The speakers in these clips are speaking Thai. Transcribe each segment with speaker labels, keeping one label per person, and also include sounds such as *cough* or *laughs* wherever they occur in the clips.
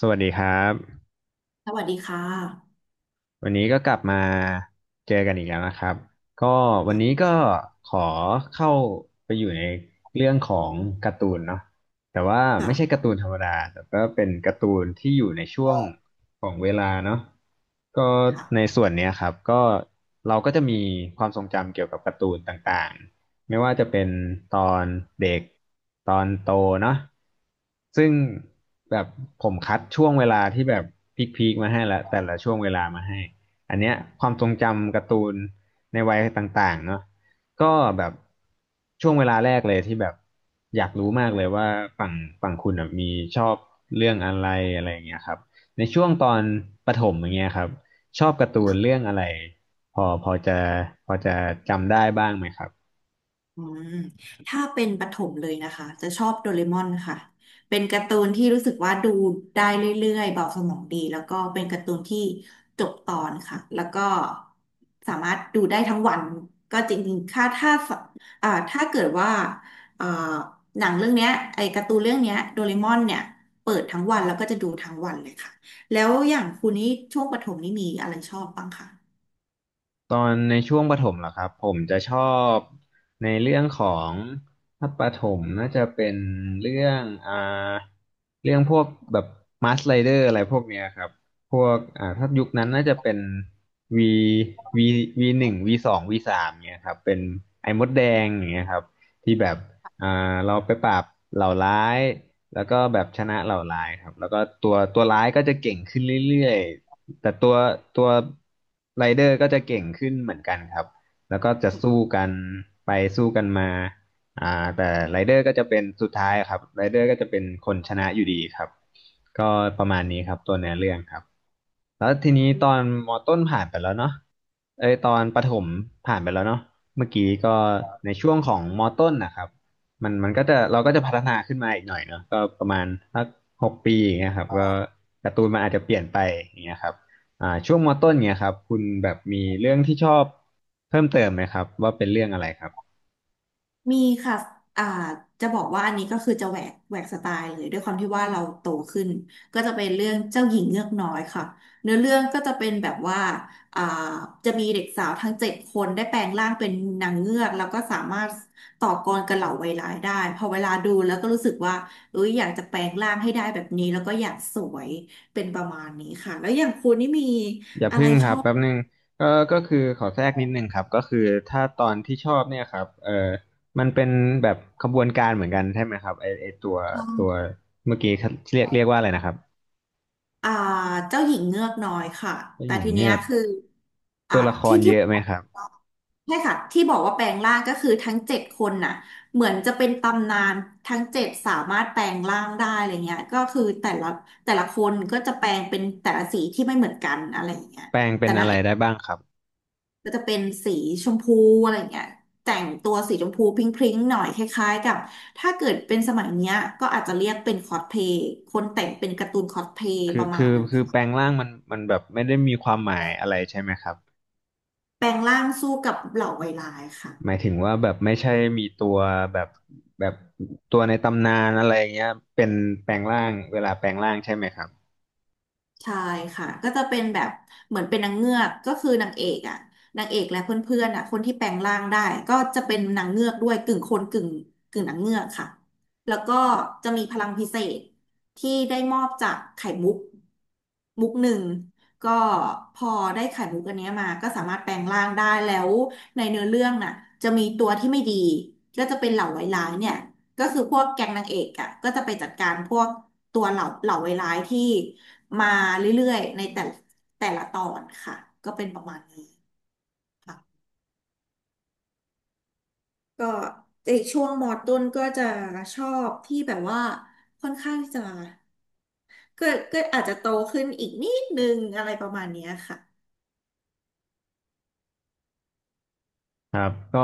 Speaker 1: สวัสดีครับ
Speaker 2: สวัสดีค่ะ
Speaker 1: วันนี้ก็กลับมาเจอกันอีกแล้วนะครับก็วันนี้ก็ขอเข้าไปอยู่ในเรื่องของการ์ตูนเนาะแต่ว่าไม่
Speaker 2: ค่ะ
Speaker 1: ใช่การ์ตูนธรรมดาแต่ก็เป็นการ์ตูนที่อยู่ในช่วงของเวลาเนาะก็ใน
Speaker 2: ค่ะ
Speaker 1: ส่วนเนี้ยครับก็เราก็จะมีความทรงจำเกี่ยวกับการ์ตูนต่าง ไม่ว่าจะเป็นตอนเด็กตอนโตเนาะซึ่งแบบผมคัดช่วงเวลาที่แบบพีคๆมาให้แล้วแต่ละช่วงเวลามาให้อันเนี้ยความทรงจำการ์ตูนในวัยต่างๆเนาะก็แบบช่วงเวลาแรกเลยที่แบบอยากรู้มากเลยว่าฝั่งฝั่งคุณอะมีชอบเรื่องอะไรอะไรอย่างเงี้ยครับในช่วงตอนประถมอย่างเงี้ยครับชอบการ์ตูนเรื่องอะไรพอพอจะพอจะจำได้บ้างไหมครับ
Speaker 2: อืมถ้าเป็นประถมเลยนะคะจะชอบโดเรมอนค่ะ เป็นการ์ตูนที่รู้สึกว่าดูได้เรื่อยๆเบาสมองดี แล้วก็เป็นการ์ตูนที่จบตอนค่ะแล้วก็สามารถดูได้ทั้งวันก็จริงๆค่ะถ้าถ้าเกิดว่าอ่าหนังเรื่องเนี้ยไอ้การ์ตูนเรื่องเนี้ยโดเรมอนเนี่ยเปิดทั้งวันแล้วก็จะดูทั้งวันเลยค่ะแล้วอย่างคุณนี่ช่วงประถมนี่มีอะไรชอบบ้างคะ
Speaker 1: ตอนในช่วงประถมเหรอครับผมจะชอบในเรื่องของถ้าประถมน่าจะเป็นเรื่องอ่าเรื่องพวกแบบมาสไลเดอร์อะไรพวกเนี้ยครับพวกถ้ายุคนั้นน่าจะเป็น V V V1 V2 V3เนี่ยครับเป็นไอ้มดแดงอย่างเงี้ยครับที่แบบอ่าเราไปปราบเหล่าร้ายแล้วก็แบบชนะเหล่าร้ายครับแล้วก็ตัวร้ายก็จะเก่งขึ้นเรื่อยๆ แต่ตัวไรเดอร์ก็จะเก่งขึ้นเหมือนกันครับแล้วก็จะสู้กันไปสู้กันมาแต่ไรเดอร์ก็จะเป็นสุดท้ายครับไรเดอร์ก็จะเป็นคนชนะอยู่ดีครับก็ประมาณนี้ครับตัวเนื้อเรื่องครับแล้วทีนี้ตอนมอต้นผ่านไปแล้วเนาะเอ้ยตอนประถมผ่านไปแล้วเนาะเมื่อกี้ก็ในช่วงของมอต้นนะครับมันก็จะเราก็จะพัฒนาขึ้นมาอีกหน่อยเนาะก็ประมาณสัก6 ปีอย่างเงี้ยครับก็การ์ตูนมันอาจจะเปลี่ยนไปอย่างเงี้ยครับ ช่วงมต้นเงียครับคุณแบบมีเรื่องที่ชอบเพิ่มเติมไหมครับว่าเป็นเรื่องอะไรครับ
Speaker 2: มีค่ะอ่าจะบอกว่าอันนี้ก็คือจะแหวกสไตล์เลยด้วยความที่ว่าเราโตขึ้นก็จะเป็นเรื่องเจ้าหญิงเงือกน้อยค่ะเนื้อเรื่องก็จะเป็นแบบว่าอ่าจะมีเด็กสาวทั้งเจ็ดคนได้แปลงร่างเป็นนางเงือกแล้วก็สามารถต่อกรกับเหล่าไวร้ายได้พอเวลาดูแล้วก็รู้สึกว่าเอ้ยอยากจะแปลงร่างให้ได้แบบนี้แล้วก็อยากสวยเป็นประมาณนี้ค่ะแล้วอย่างคุณนี่มี
Speaker 1: อย่าพึ่งครับแป๊บนึงก็ก็คือขอแทรกนิดนึงครับก็คือถ้าตอนที่ชอบเนี่ยครับมันเป็นแบบขบวนการเหมือนกันใช่ไหมครับไอตัวเมื่อกี้เรียกว่าอะไรนะครับ
Speaker 2: อ่าเจ้าหญิงเงือกน้อยค่ะ
Speaker 1: เจ้า
Speaker 2: แต่
Speaker 1: หญิง
Speaker 2: ทีเนี้
Speaker 1: เงื
Speaker 2: ย
Speaker 1: อก
Speaker 2: คือ
Speaker 1: ตั
Speaker 2: อ่า
Speaker 1: วละคร
Speaker 2: ที่
Speaker 1: เย
Speaker 2: ที่
Speaker 1: อะไหมครับ
Speaker 2: ใช่ค่ะที่บอกว่าแปลงร่างก็คือทั้งเจ็ดคนน่ะเหมือนจะเป็นตำนานทั้งเจ็ดสามารถแปลงร่างได้อะไรเงี้ยก็คือแต่ละคนก็จะแปลงเป็นแต่ละสีที่ไม่เหมือนกันอะไรอย่างเงี้ย
Speaker 1: แปลงเป็
Speaker 2: แต่
Speaker 1: น
Speaker 2: นา
Speaker 1: อะ
Speaker 2: ง
Speaker 1: ไร
Speaker 2: เอก
Speaker 1: ได้บ้างครับ
Speaker 2: ก็จะเป็นสีชมพูอะไรเงี้ยแต่งตัวสีชมพูพริ้งๆหน่อยคล้ายๆกับถ้าเกิดเป็นสมัยเนี้ยก็อาจจะเรียกเป็นคอสเพลย์คนแต่งเป็นการ์ตูนคอสเพลย์
Speaker 1: คื
Speaker 2: ป
Speaker 1: อ
Speaker 2: ระมา
Speaker 1: คื
Speaker 2: ณ
Speaker 1: อ
Speaker 2: นั้น
Speaker 1: คือแปลงร่างมันแบบไม่ได้มีความหมายอะไรใช่ไหมครับ
Speaker 2: แปลงร่างสู้กับเหล่าไวร้ายค่ะ
Speaker 1: หมายถึงว่าแบบไม่ใช่มีตัวแบบแบบตัวในตำนานอะไรเงี้ยเป็นแปลงร่างเวลาแปลงร่างใช่ไหมครับ
Speaker 2: ใช่ค่ะก็จะเป็นแบบเหมือนเป็นนางเงือกก็คือนางเอกอ่ะนางเอกและเพื่อนๆอ่ะคนที่แปลงร่างได้ก็จะเป็นนางเงือกด้วยกึ่งคนกึ่งนางเงือกค่ะแล้วก็จะมีพลังพิเศษที่ได้มอบจากไข่มุกมุกหนึ่งก็พอได้ไข่มุกอันเนี้ยมาก็สามารถแปลงร่างได้แล้วในเนื้อเรื่องน่ะจะมีตัวที่ไม่ดีก็จะเป็นเหล่าไวร้ายเนี่ย ก็คือพวกแก๊งนางเอกอ่ะก็จะไปจัดการพวกตัวเหล่าไวร้ายที่มาเรื่อยๆในแต่ละตอนค่ะก็เป็นประมาณนี้ค่ะก็ในช่วงมอต้นก็จะชอบที่แบบว่าค่อนข้างที่จะก็ก็อาจจะโตขึ้นอีกนิดนึงอะไรประมาณเนี้ยค่ะ
Speaker 1: ครับก็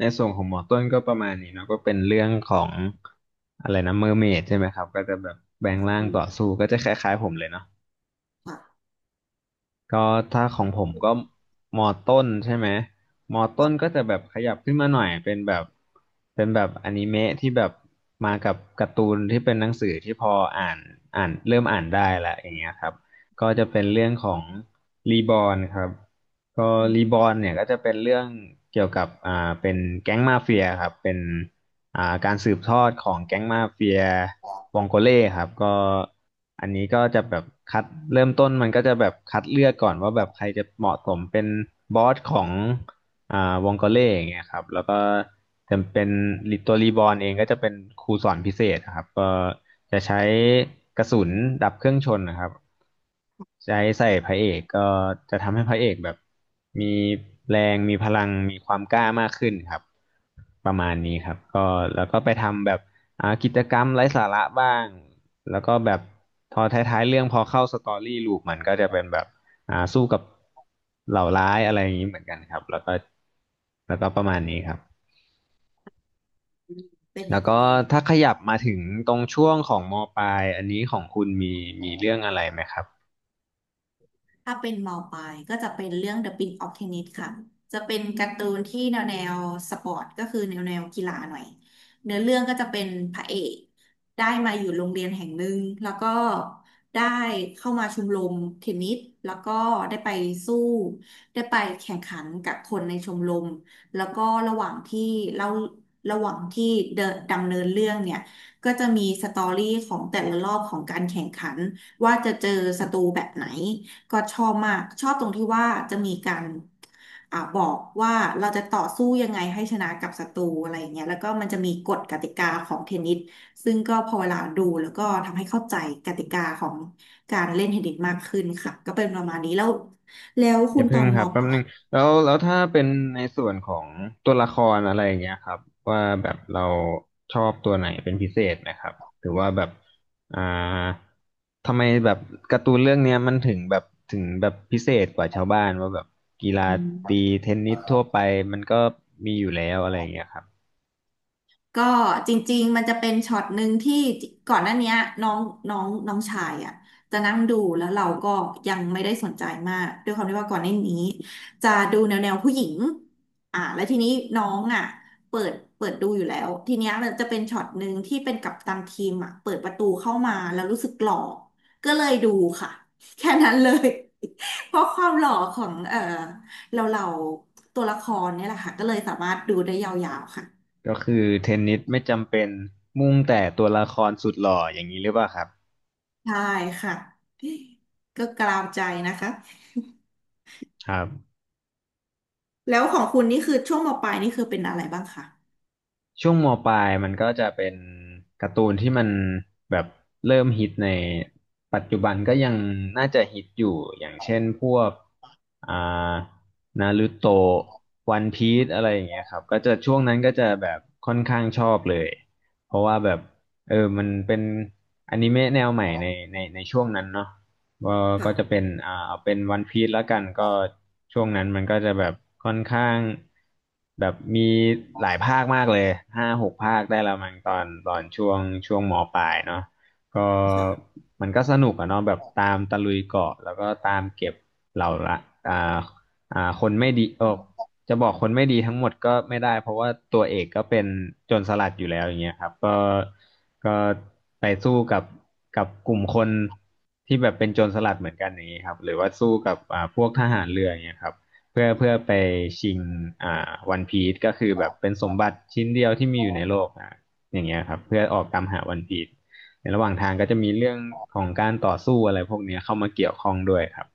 Speaker 1: ในส่วนของหมอต้นก็ประมาณนี้เนาะก็เป็นเรื่องของอะไรนะเมอร์เมดใช่ไหมครับก็จะแบบแปลงร่าง
Speaker 2: อื
Speaker 1: ต่อสู้
Speaker 2: ม
Speaker 1: ก็จะคล้ายๆผมเลยเนาะ
Speaker 2: ค่ะ
Speaker 1: ก็ถ้าของผมก็มอต้นใช่ไหมมอต้นก็จะแบบขยับขึ้นมาหน่อยเป็นแบบอนิเมะที่แบบมากับการ์ตูนที่เป็นหนังสือที่พออ่านอ่านเริ่มอ่านได้ละอย่างเงี้ยครับก็จะเป็นเรื่องของรีบอ n ครับก็
Speaker 2: อื
Speaker 1: รีบ
Speaker 2: ม
Speaker 1: อ n เนี่ยก็จะเป็นเรื่องเกี่ยวกับเป็นแก๊งมาเฟียครับเป็น การสืบทอดของแก๊งมาเฟียวองโกเล่ครับก็อันนี้ก็จะแบบคัดเริ่มต้นมันก็จะแบบคัดเลือกก่อนว่าแบบใครจะเหมาะสมเป็นบอสของอ่าวองโกเล่อย่างเงี้ยครับแล้วก็จะเป็นตัวรีบอร์นเองก็จะเป็นครูสอนพิเศษนะครับก็จะใช้กระสุนดับเครื่องชนนะครับใช้ใส่พระเอกก็จะทำให้พระเอกแบบมีแรงมีพลังมีความกล้ามากขึ้นครับ ประมาณนี้ครับก็แล้วก็ไปทำแบบกิจกรรมไร้สาระบ้างแล้วก็แบบพอท้ายๆเรื่องพอเข้าสตอรี่ลูปมันก็จะเป็นแบบสู้กับเหล่าร้ายอะไรอย่างนี้เหมือนกันครับแล้วก็ประมาณนี้ครับ
Speaker 2: เป็นอ
Speaker 1: แล้ว
Speaker 2: ย่างนี้
Speaker 1: ก็
Speaker 2: นี่เอง
Speaker 1: ถ้าขยับมาถึงตรงช่วงของมปลายอันนี้ของคุณมีเรื่องอะไรไหมครับ
Speaker 2: ถ้าเป็นมอปลายก็จะเป็นเรื่อง The Prince of Tennis ค่ะ จะเป็นการ์ตูนที่แนวสปอร์ตก็คือแนวกีฬาหน่อยเนื้อเรื่องก็จะเป็นพระเอกได้มาอยู่โรงเรียนแห่งหนึ่งแล้วก็ได้เข้ามาชมรมเทนนิสแล้วก็ได้ไปสู้ได้ไปแข่งขันกับคนในชมรมแล้วก็ระหว่างที่เล่าระหว่างที่เดินดำเนินเรื่องเนี่ยก็จะมีสตอรี่ของแต่ละรอบของการแข่งขันว่าจะเจอศัตรูแบบไหน ก็ชอบมากชอบตรงที่ว่าจะมีการบอกว่าเราจะต่อสู้ยังไงให้ชนะกับศัตรูอะไรอย่างเงี้ยแล้วก็มันจะมีกฎกติกาของเทนนิสซึ่งก็พอเวลาดูแล้วก็ทำให้เข้าใจกติกาของการเล่นเทนนิสมากขึ้นค่ะก็เป็นประมาณนี้แล้วแล้ว
Speaker 1: อ
Speaker 2: คุ
Speaker 1: ย่า
Speaker 2: ณต
Speaker 1: เพิ่
Speaker 2: อ
Speaker 1: ง
Speaker 2: น
Speaker 1: ค
Speaker 2: ม
Speaker 1: รับแป๊
Speaker 2: ป
Speaker 1: บ
Speaker 2: ลา
Speaker 1: นึงแล้วถ้าเป็นในส่วนของตัวละครอะไรอย่างเงี้ยครับว่าแบบเราชอบตัวไหนเป็นพิเศษไหมครับหรือว่าแบบอ่าทำไมแบบการ์ตูนเรื่องเนี้ยมันถึงแบบพิเศษกว่าชาวบ้านว่าแบบกีฬาตี
Speaker 2: ย
Speaker 1: เทนนิสทั่วไปมันก็มีอยู่แล้วอะไรอย่างเงี้ยครับ
Speaker 2: ก็จริงๆมันจะเป็นช็อตหนึ่งที่ก่อนหน้าเนี้ยน้องน้องน้องชายอ่ะจะนั่งดูแล้วเราก็ยังไม่ได้สนใจมากด้วยความที่ว่าก่อนหน้านี้จะดูแนวผู้หญิงแล้วทีนี้น้องอ่ะเปิดดูอยู่แล้วทีเนี้ยมันจะเป็นช็อตหนึ่งที่เป็นกัปตันทีมอ่ะเปิดประตูเข้ามาแล้วรู้สึกหล่อก็เลยดูค่ะ *laughs* แค่นั้นเลย *laughs* เพราะความหล่อของเออเราตัวละครเนี่ยแหละค่ะก็เลยสามารถดูได้ยาวๆค่ะ
Speaker 1: ก็คือเทนนิสไม่จำเป็นมุ่งแต่ตัวละครสุดหล่ออย่างนี้หรือเปล่าครับ
Speaker 2: ใช่ค่ะก็กลาวใจนะคะ
Speaker 1: ครับ
Speaker 2: แล้วของคุณนี่คือช่วงมปลายนี่คือเป็นอะไรบ้างคะ
Speaker 1: ช่วงมปลายมันก็จะเป็นการ์ตูนที่มันแบบเริ่มฮิตในปัจจุบันก็ยังน่าจะฮิตอยู่อย่างเช่นพวกอ่านารูโตะวันพีซอะไรอย่างเงี้ยครับก็จะช่วงนั้นก็จะแบบค่อนข้างชอบเลยเพราะว่าแบบมันเป็นอนิเมะแนวใหม่ในในช่วงนั้นเนาะ ก็ก็
Speaker 2: ค่ะ
Speaker 1: จะเป็นเอาเป็นวันพีซแล้วกันก็ช่วงนั้นมันก็จะแบบค่อนข้างแบบมีหลายภาคมากเลยห้าหกภาคได้ละมั้งตอนช่วงมปลายเนาะก็
Speaker 2: ค่
Speaker 1: มันก็สนุกอะเนาะแบบตามตะลุยเกาะแล้วก็ตามเก็บเหล่าละอ่าคนไม่ดีเออ จะบอกคนไม่ดีทั้งหมดก็ไม่ได้เพราะว่าตัวเอกก็เป็นโจรสลัดอยู่แล้วอย่างเงี้ยครับก็ก็ไปสู้กับกลุ่มคนที่แบบเป็นโจรสลัดเหมือนกันอย่างนี้ครับหรือว่าสู้กับพวกทหารเรืออย่างเงี้ยครับเพื่อไปชิงวันพีซก็คือแบบเป็นสมบัติชิ้นเดียวที่มีอยู่ในโลกนะอย่างเงี้ยครับเพื่อออกตามหาวันพีซในระหว่างทางก็จะมีเรื่องของการต่อสู้อะไรพวกเนี้ยเข้ามาเกี่ยวข้องด้วยครับ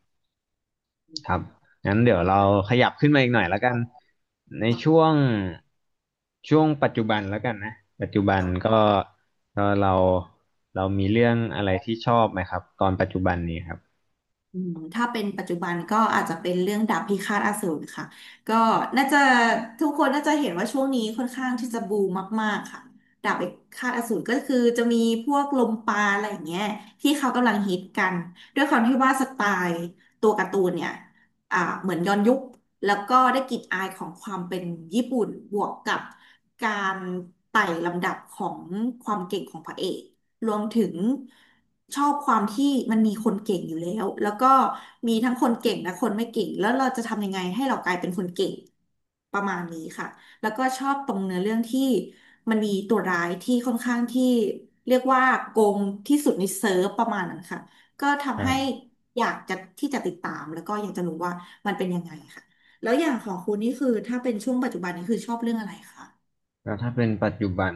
Speaker 1: ครับ งั้นเดี๋ยวเราขยับขึ้นมาอีกหน่อยแล้วกัน ในช่วงปัจจุบันแล้วกันนะ ปัจจุบัน
Speaker 2: ะ
Speaker 1: ก็ก็เรามีเรื่องอะไรที่ชอบไหมครับตอนปัจจุบันนี้ครับ
Speaker 2: อืมถ้าเป็นปัจจุบันก็อาจจะเป็นเรื่องดาบพิฆาตอสูรค่ะก็น่าจะทุกคนน่าจะเห็นว่าช่วงนี้ค่อนข้างที่จะบูมมากๆค่ะดาบพิฆาตอสูรก็คือจะมีพวกลมปราอะไรอย่างเงี้ยที่เขากำลังฮิตกันด้วยความที่ว่าสไตล์ตัวการ์ตูนเนี่ยเหมือนย้อนยุคแล้วก็ได้กลิ่นอายของความเป็นญี่ปุ่นบวกกับการไต่ลำดับของความเก่งของพระเอก รวมถึงชอบความที่มันมีคนเก่งอยู่แล้วแล้วก็มีทั้งคนเก่งและคนไม่เก่งแล้วเราจะทำยังไงให้เรากลายเป็นคนเก่งประมาณนี้ค่ะแล้วก็ชอบตรงเนื้อเรื่องที่มันมีตัวร้ายที่ค่อนข้างที่เรียกว่าโกงที่สุดในเซิร์ฟประมาณนั้นค่ะก็
Speaker 1: ค
Speaker 2: ทำ
Speaker 1: รั
Speaker 2: ให้
Speaker 1: บ
Speaker 2: อยากจะที่จะติดตามแล้วก็อยากจะรู้ว่ามันเป็นยังไงค่ะแล้วอย่างของคุณนี่คือถ้าเป็นช่วงปัจจุบันนี่คือชอบเรื่องอะไรคะ
Speaker 1: แล้วถ้าเป็นปัจจุบัน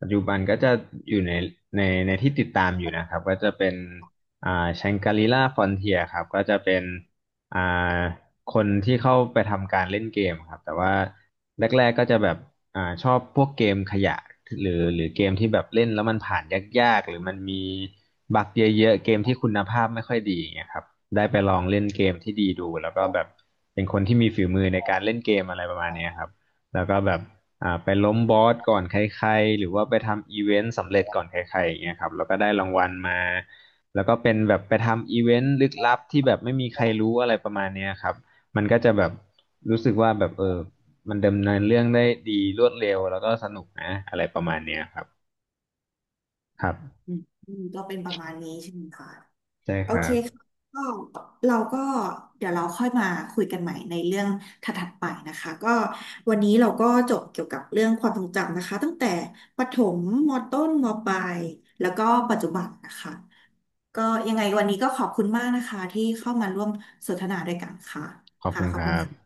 Speaker 1: ปัจจุบันก็จะอยู่ในในที่ติดตามอยู่นะครับก็จะเป็นแชงกรีล่าฟอนเทียครับก็จะเป็นอ่าคนที่เข้าไปทำการเล่นเกมครับแต่ว่าแรกๆก็จะแบบชอบพวกเกมขยะหรือเกมที่แบบเล่นแล้วมันผ่านยากๆหรือมันมีบั๊กเยอะๆเกมที่คุณภาพไม่ค่อยดีอย่างเงี้ยครับได้ไปลองเล่นเกมที่ดีดูแล้วก็แบบเป็นคนที่มีฝีมือในการเล่นเกมอะไรประมาณเนี้ยครับแล้วก็แบบ ไปล้มบอสก่อนใครๆหรือว่าไปทำอีเวนต์สำเร็จก่อนใครๆอย่างเงี้ยครับแล้วก็ได้รางวัลมาแล้วก็เป็นแบบไปทำอีเวนต์ลึกลับที่แบบไม่มีใครรู้อะไรประมาณเนี้ยครับมันก็จะแบบรู้สึกว่าแบบมันดำเนินเรื่องได้ดีรวดเร็วแล้วก็สนุกนะอะไรประมาณเนี้ยครับครับ
Speaker 2: อืมอืมก็เป็นประมาณนี้ใช่ไหมคะ
Speaker 1: ใช่
Speaker 2: โอ
Speaker 1: ค
Speaker 2: เค
Speaker 1: รับ
Speaker 2: ค่ะก็เราก็เดี๋ยวเราค่อยมาคุยกันใหม่ในเรื่องถัดๆไปนะคะก็วันนี้เราก็จบเกี่ยวกับเรื่องความทรงจำนะคะตั้งแต่ประถมมต้นมปลายแล้วก็ปัจจุบันนะคะก็ยังไงวันนี้ก็ขอบคุณมากนะคะที่เข้ามาร่วมสนทนาด้วยกันค่ะ
Speaker 1: ขอบ
Speaker 2: ค่ะ
Speaker 1: คุณ
Speaker 2: ขอ
Speaker 1: ค
Speaker 2: บคุณ
Speaker 1: รับ
Speaker 2: ค่ะ